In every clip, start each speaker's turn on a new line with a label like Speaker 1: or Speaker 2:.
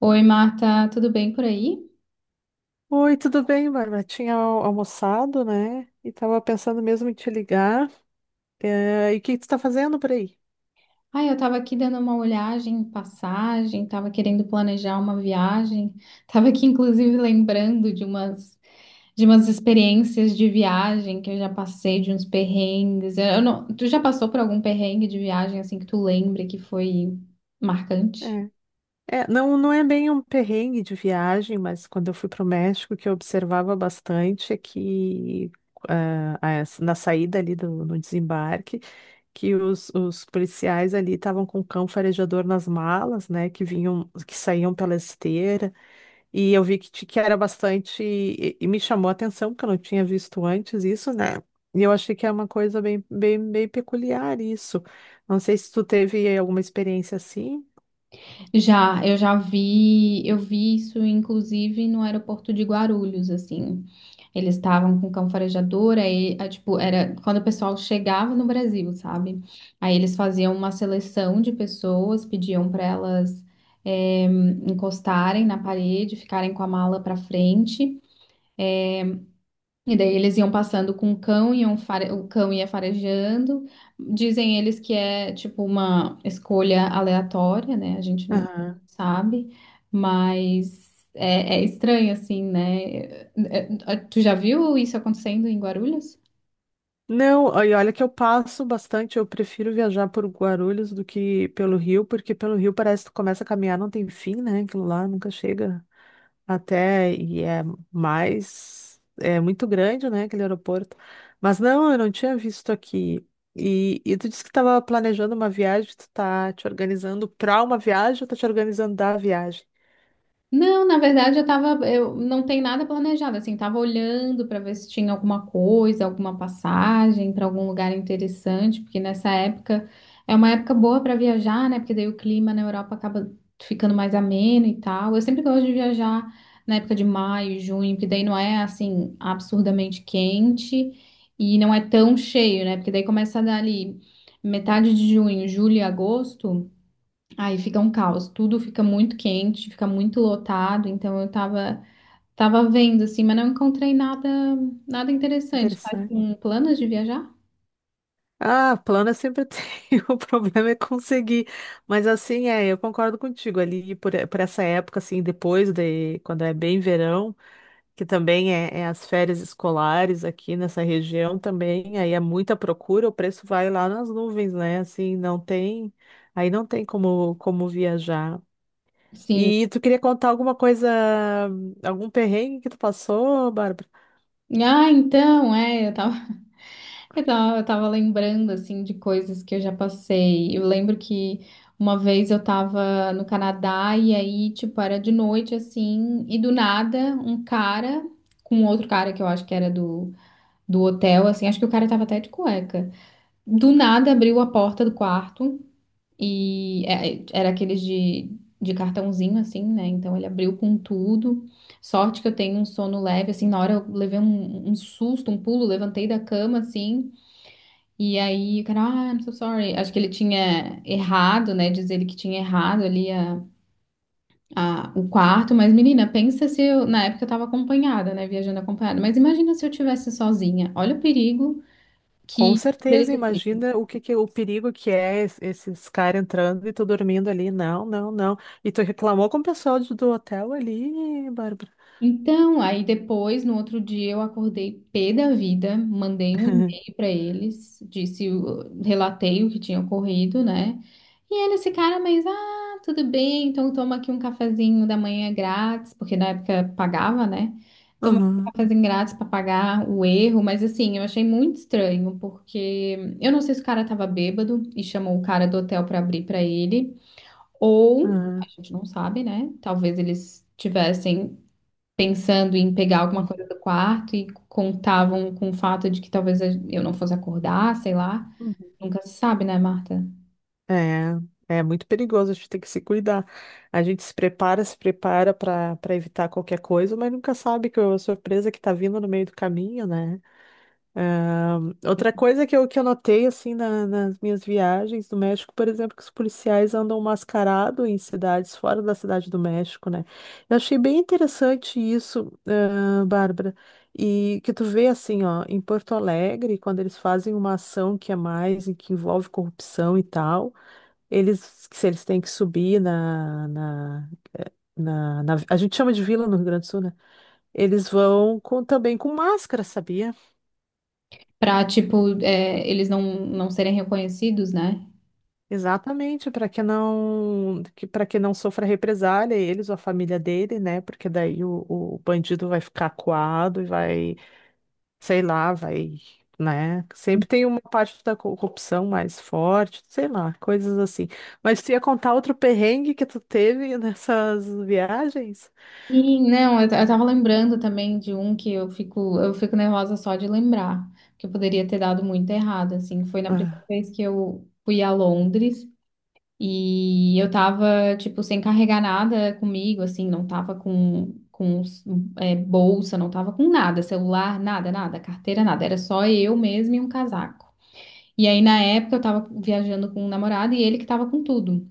Speaker 1: Oi, Marta, tudo bem por aí?
Speaker 2: Oi, tudo bem, Bárbara? Tinha almoçado, né? E tava pensando mesmo em te ligar. E o que que tu tá fazendo por aí?
Speaker 1: Ah, eu tava aqui dando uma olhagem, em passagem, tava querendo planejar uma viagem, tava aqui inclusive lembrando de umas experiências de viagem que eu já passei, de uns perrengues. Eu não- tu já passou por algum perrengue de viagem assim que tu lembre que foi marcante?
Speaker 2: É. É, não, não é bem um perrengue de viagem, mas quando eu fui para o México, o que eu observava bastante é que na saída ali no desembarque, que os policiais ali estavam com o cão farejador nas malas, né? Que vinham, que saíam pela esteira. E eu vi que era bastante. E me chamou a atenção, porque eu não tinha visto antes isso, né? E eu achei que é uma coisa bem, bem, bem peculiar isso. Não sei se tu teve alguma experiência assim.
Speaker 1: Já, eu já vi, eu vi isso inclusive no aeroporto de Guarulhos, assim. Eles estavam com cão farejador, aí, ah, tipo, era quando o pessoal chegava no Brasil, sabe? Aí eles faziam uma seleção de pessoas, pediam para elas eh, encostarem na parede, ficarem com a mala para frente. E daí eles iam passando com o cão, iam fare... o cão ia farejando. Dizem eles que é tipo uma escolha aleatória, né? A gente não
Speaker 2: Aham.
Speaker 1: sabe, mas é, é estranho assim, né? É- é- Tu já viu isso acontecendo em Guarulhos?
Speaker 2: Não, e olha que eu passo bastante, eu prefiro viajar por Guarulhos do que pelo Rio, porque pelo Rio parece que tu começa a caminhar, não tem fim, né? Aquilo lá nunca chega. Até, e é mais, é muito grande, né, aquele aeroporto. Mas não, eu não tinha visto aqui. E tu disse que estava planejando uma viagem, tu tá te organizando para uma viagem ou tá te organizando da viagem?
Speaker 1: Não, na verdade eu tava, eu não tem nada planejado, assim, tava olhando para ver se tinha alguma coisa, alguma passagem para algum lugar interessante, porque nessa época é uma época boa para viajar, né? Porque daí o clima na Europa acaba ficando mais ameno e tal. Eu sempre gosto de viajar na época de maio, junho, porque daí não é assim absurdamente quente e não é tão cheio, né? Porque daí começa a dar ali metade de junho, julho e agosto. Aí fica um caos, tudo fica muito quente, fica muito lotado, então eu tava, tava vendo assim, mas não encontrei nada, nada interessante. Tá
Speaker 2: Interessante.
Speaker 1: com planos de viajar?
Speaker 2: Ah, plano eu sempre tenho, o problema é conseguir. Mas assim, é, eu concordo contigo, por essa época, assim, quando é bem verão, que também é, é as férias escolares aqui nessa região também, aí é muita procura, o preço vai lá nas nuvens, né? Assim, não tem, aí não tem como, como viajar.
Speaker 1: Sim.
Speaker 2: E tu queria contar alguma coisa, algum perrengue que tu passou, Bárbara?
Speaker 1: Ah, então, é, eu tava, eu tava lembrando assim de coisas que eu já passei. Eu lembro que uma vez eu tava no Canadá e aí, tipo, era de noite assim, e do nada um cara com outro cara que eu acho que era do hotel, assim, acho que o cara tava até de cueca. Do nada abriu a porta do quarto e é, é, era aqueles de cartãozinho assim, né? Então ele abriu com tudo. Sorte que eu tenho um sono leve, assim, na hora eu levei um, um susto, um pulo, levantei da cama assim, e aí o cara, ah, I'm so sorry. Acho que ele tinha errado, né? Diz ele que tinha errado ali a- o quarto, mas menina, pensa se eu, na época eu tava acompanhada, né? Viajando acompanhada, mas imagina se eu tivesse sozinha. Olha o perigo
Speaker 2: Com
Speaker 1: que poderia
Speaker 2: certeza,
Speaker 1: ter.
Speaker 2: imagina o que que, o perigo que é esses caras entrando e tu dormindo ali. Não, não, não. E tu reclamou com o pessoal do hotel ali, Bárbara?
Speaker 1: Então, aí depois, no outro dia, eu acordei pé da vida, mandei um e-mail para eles, disse, o- relatei o que tinha ocorrido, né? E eles ficaram, mas, ah, tudo bem, então toma aqui um cafezinho da manhã grátis, porque na época pagava, né? Toma aqui um
Speaker 2: Aham,
Speaker 1: cafezinho grátis para pagar o erro, mas assim, eu achei muito estranho, porque eu não sei se o cara tava bêbado e chamou o cara do hotel para abrir para ele, ou a gente não sabe, né? Talvez eles tivessem pensando em pegar alguma coisa do quarto e contavam com o fato de que talvez eu não fosse acordar, sei lá.
Speaker 2: aham.
Speaker 1: Nunca se sabe, né, Marta?
Speaker 2: É, é muito perigoso, a gente tem que se cuidar. A gente se prepara, se prepara para evitar qualquer coisa, mas nunca sabe que a surpresa que tá vindo no meio do caminho, né? É, outra coisa que eu notei, assim, nas minhas viagens do México, por exemplo, que os policiais andam mascarados em cidades fora da Cidade do México, né? Eu achei bem interessante isso, ah, Bárbara. E que tu vê assim, ó, em Porto Alegre, quando eles fazem uma ação que é mais, e que envolve corrupção e tal. Eles, se eles têm que subir a gente chama de vila no Rio Grande do Sul, né? Eles vão com, também com máscara, sabia?
Speaker 1: Pra, tipo, é, eles não, não serem reconhecidos, né?
Speaker 2: Exatamente, para que não que, para que não sofra represália, eles ou a família dele, né? Porque daí o bandido vai ficar acuado e vai, sei lá, vai, né? Sempre tem uma parte da corrupção mais forte, sei lá, coisas assim. Mas tu ia contar outro perrengue que tu teve nessas viagens?
Speaker 1: Sim, não, eu tava lembrando também de um que eu fico nervosa só de lembrar, que eu poderia ter dado muito errado, assim. Foi na primeira
Speaker 2: Ah.
Speaker 1: vez que eu fui a Londres. E eu tava, tipo, sem carregar nada comigo, assim, não tava com é, bolsa, não tava com nada, celular, nada, nada, carteira, nada. Era só eu mesma e um casaco. E aí, na época, eu tava viajando com um namorado e ele que tava com tudo.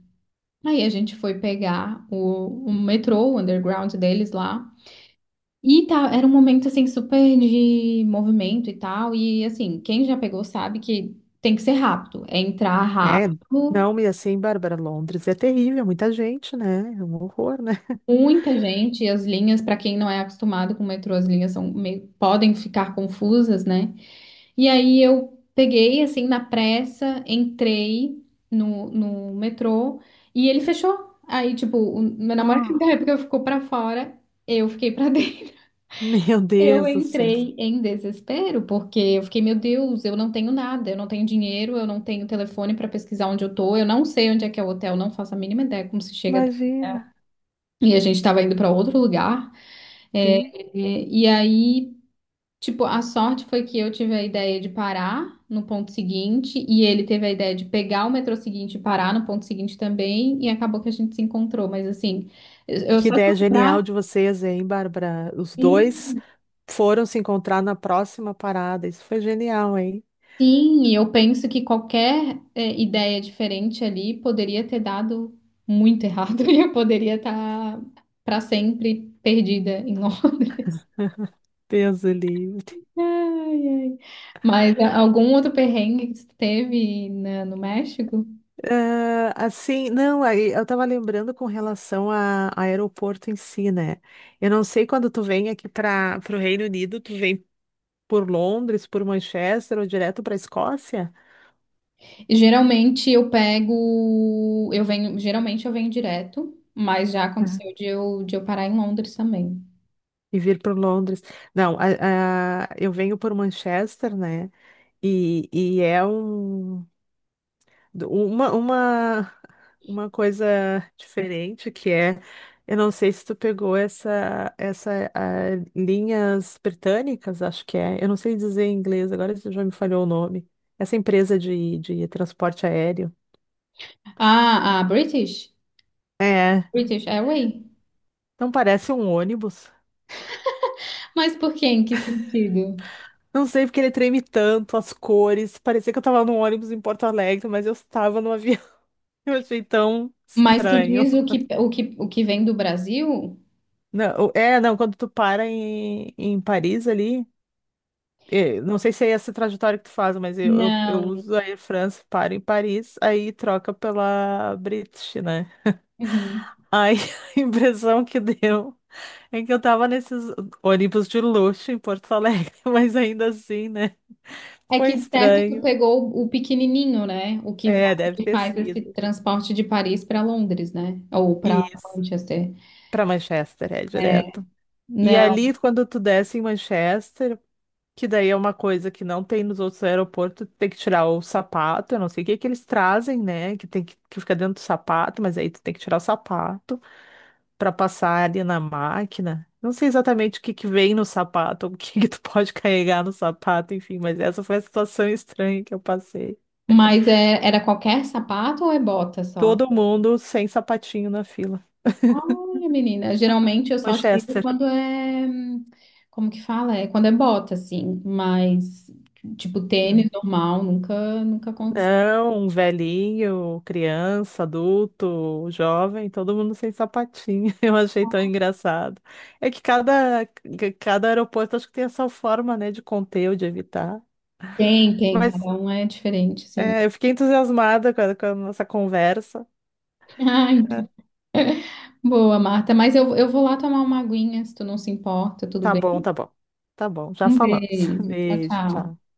Speaker 1: Aí a gente foi pegar o metrô, o underground deles lá. E tá, era um momento, assim, super de movimento e tal. E, assim, quem já pegou sabe que tem que ser rápido. É entrar
Speaker 2: É,
Speaker 1: rápido.
Speaker 2: não, e assim, Bárbara, Londres é terrível, muita gente, né? É um horror, né?
Speaker 1: Muita gente, e as linhas, para quem não é acostumado com o metrô, as linhas são meio, podem ficar confusas, né? E aí eu peguei, assim, na pressa, entrei no, no metrô e ele fechou. Aí, tipo, o meu namorado
Speaker 2: Ah,
Speaker 1: da época ficou pra fora, eu fiquei pra dentro.
Speaker 2: meu
Speaker 1: Eu
Speaker 2: Deus do céu.
Speaker 1: entrei em desespero, porque eu fiquei, meu Deus, eu não tenho nada, eu não tenho dinheiro, eu não tenho telefone pra pesquisar onde eu tô, eu não sei onde é que é o hotel, não faço a mínima ideia como se chega até o hotel.
Speaker 2: Imagina.
Speaker 1: E a gente tava indo pra outro lugar. É,
Speaker 2: Sim.
Speaker 1: é, e aí, tipo, a sorte foi que eu tive a ideia de parar no ponto seguinte e ele teve a ideia de pegar o metrô seguinte e parar no ponto seguinte também e acabou que a gente se encontrou. Mas assim, eu
Speaker 2: Que
Speaker 1: só de
Speaker 2: ideia
Speaker 1: lembrar,
Speaker 2: genial de vocês, hein, Bárbara? Os dois
Speaker 1: sim,
Speaker 2: foram se encontrar na próxima parada. Isso foi genial, hein?
Speaker 1: sim, e eu penso que qualquer é, ideia diferente ali poderia ter dado muito errado e eu poderia estar para sempre perdida em Londres.
Speaker 2: Deus o livre.
Speaker 1: Ai, ai. Mas a- algum outro perrengue que você teve na- no México?
Speaker 2: Ah, assim, não, aí eu tava lembrando com relação a aeroporto em si, né? Eu não sei quando tu vem aqui para o Reino Unido, tu vem por Londres, por Manchester ou direto para Escócia?
Speaker 1: E geralmente eu pego, eu venho, geralmente eu venho direto, mas já aconteceu de eu parar em Londres também.
Speaker 2: E vir para Londres. Não, eu venho por Manchester, né? E é um, uma, uma, uma coisa diferente que é, eu não sei se tu pegou essa, essa linhas britânicas, acho que é. Eu não sei dizer em inglês, agora isso já me falhou o nome. Essa empresa de transporte aéreo.
Speaker 1: Ah, a British?
Speaker 2: É,
Speaker 1: British Airways?
Speaker 2: não parece um ônibus.
Speaker 1: Mas por quê? Em que sentido?
Speaker 2: Não sei porque ele treme tanto, as cores. Parecia que eu tava num ônibus em Porto Alegre, mas eu estava no avião. Eu achei tão
Speaker 1: Mas tu
Speaker 2: estranho.
Speaker 1: diz o que, o que, o que vem do Brasil?
Speaker 2: Não, é, não, quando tu para em Paris ali, não sei se é essa trajetória que tu faz, mas eu
Speaker 1: Não.
Speaker 2: uso a Air France, paro em Paris, aí troca pela British, né?
Speaker 1: Uhum.
Speaker 2: Aí a impressão que deu é que eu tava nesses ônibus de luxo em Porto Alegre, mas ainda assim, né?
Speaker 1: É
Speaker 2: Foi
Speaker 1: que disseste que tu
Speaker 2: estranho.
Speaker 1: pegou o pequenininho, né? O que, va-
Speaker 2: É,
Speaker 1: o
Speaker 2: deve
Speaker 1: que
Speaker 2: ter
Speaker 1: faz esse
Speaker 2: sido.
Speaker 1: transporte de Paris para Londres, né? Ou para
Speaker 2: Isso,
Speaker 1: Manchester.
Speaker 2: pra Manchester, é
Speaker 1: É,
Speaker 2: direto. E
Speaker 1: não,
Speaker 2: ali, quando tu desce em Manchester, que daí é uma coisa que não tem nos outros aeroportos, tem que tirar o sapato, eu não sei o que que eles trazem, né? Que tem que fica dentro do sapato, mas aí tu tem que tirar o sapato para passar ali na máquina. Não sei exatamente o que que vem no sapato, ou o que que tu pode carregar no sapato, enfim, mas essa foi a situação estranha que eu passei.
Speaker 1: mas é, era qualquer sapato ou é bota só?
Speaker 2: Todo mundo sem sapatinho na fila.
Speaker 1: Olha, menina, geralmente eu só tiro
Speaker 2: Manchester.
Speaker 1: quando é. Hum, como que fala? É quando é bota, assim. Mas, tipo, tênis normal, nunca, nunca aconteceu.
Speaker 2: Não, um velhinho, criança, adulto, jovem, todo mundo sem sapatinho. Eu achei tão engraçado. É que cada aeroporto acho que tem essa forma, né, de conter ou de evitar.
Speaker 1: Tem, tem, cada
Speaker 2: Mas
Speaker 1: um é diferente, sim.
Speaker 2: é, eu fiquei entusiasmada com com a nossa conversa.
Speaker 1: Ah,
Speaker 2: É,
Speaker 1: então. Boa, Marta. Mas eu vou lá tomar uma aguinha, se tu não se importa, tudo
Speaker 2: tá
Speaker 1: bem.
Speaker 2: bom, tá bom. Tá bom, já
Speaker 1: Um
Speaker 2: falamos.
Speaker 1: beijo. Tchau,
Speaker 2: Beijo,
Speaker 1: tchau.
Speaker 2: tchau.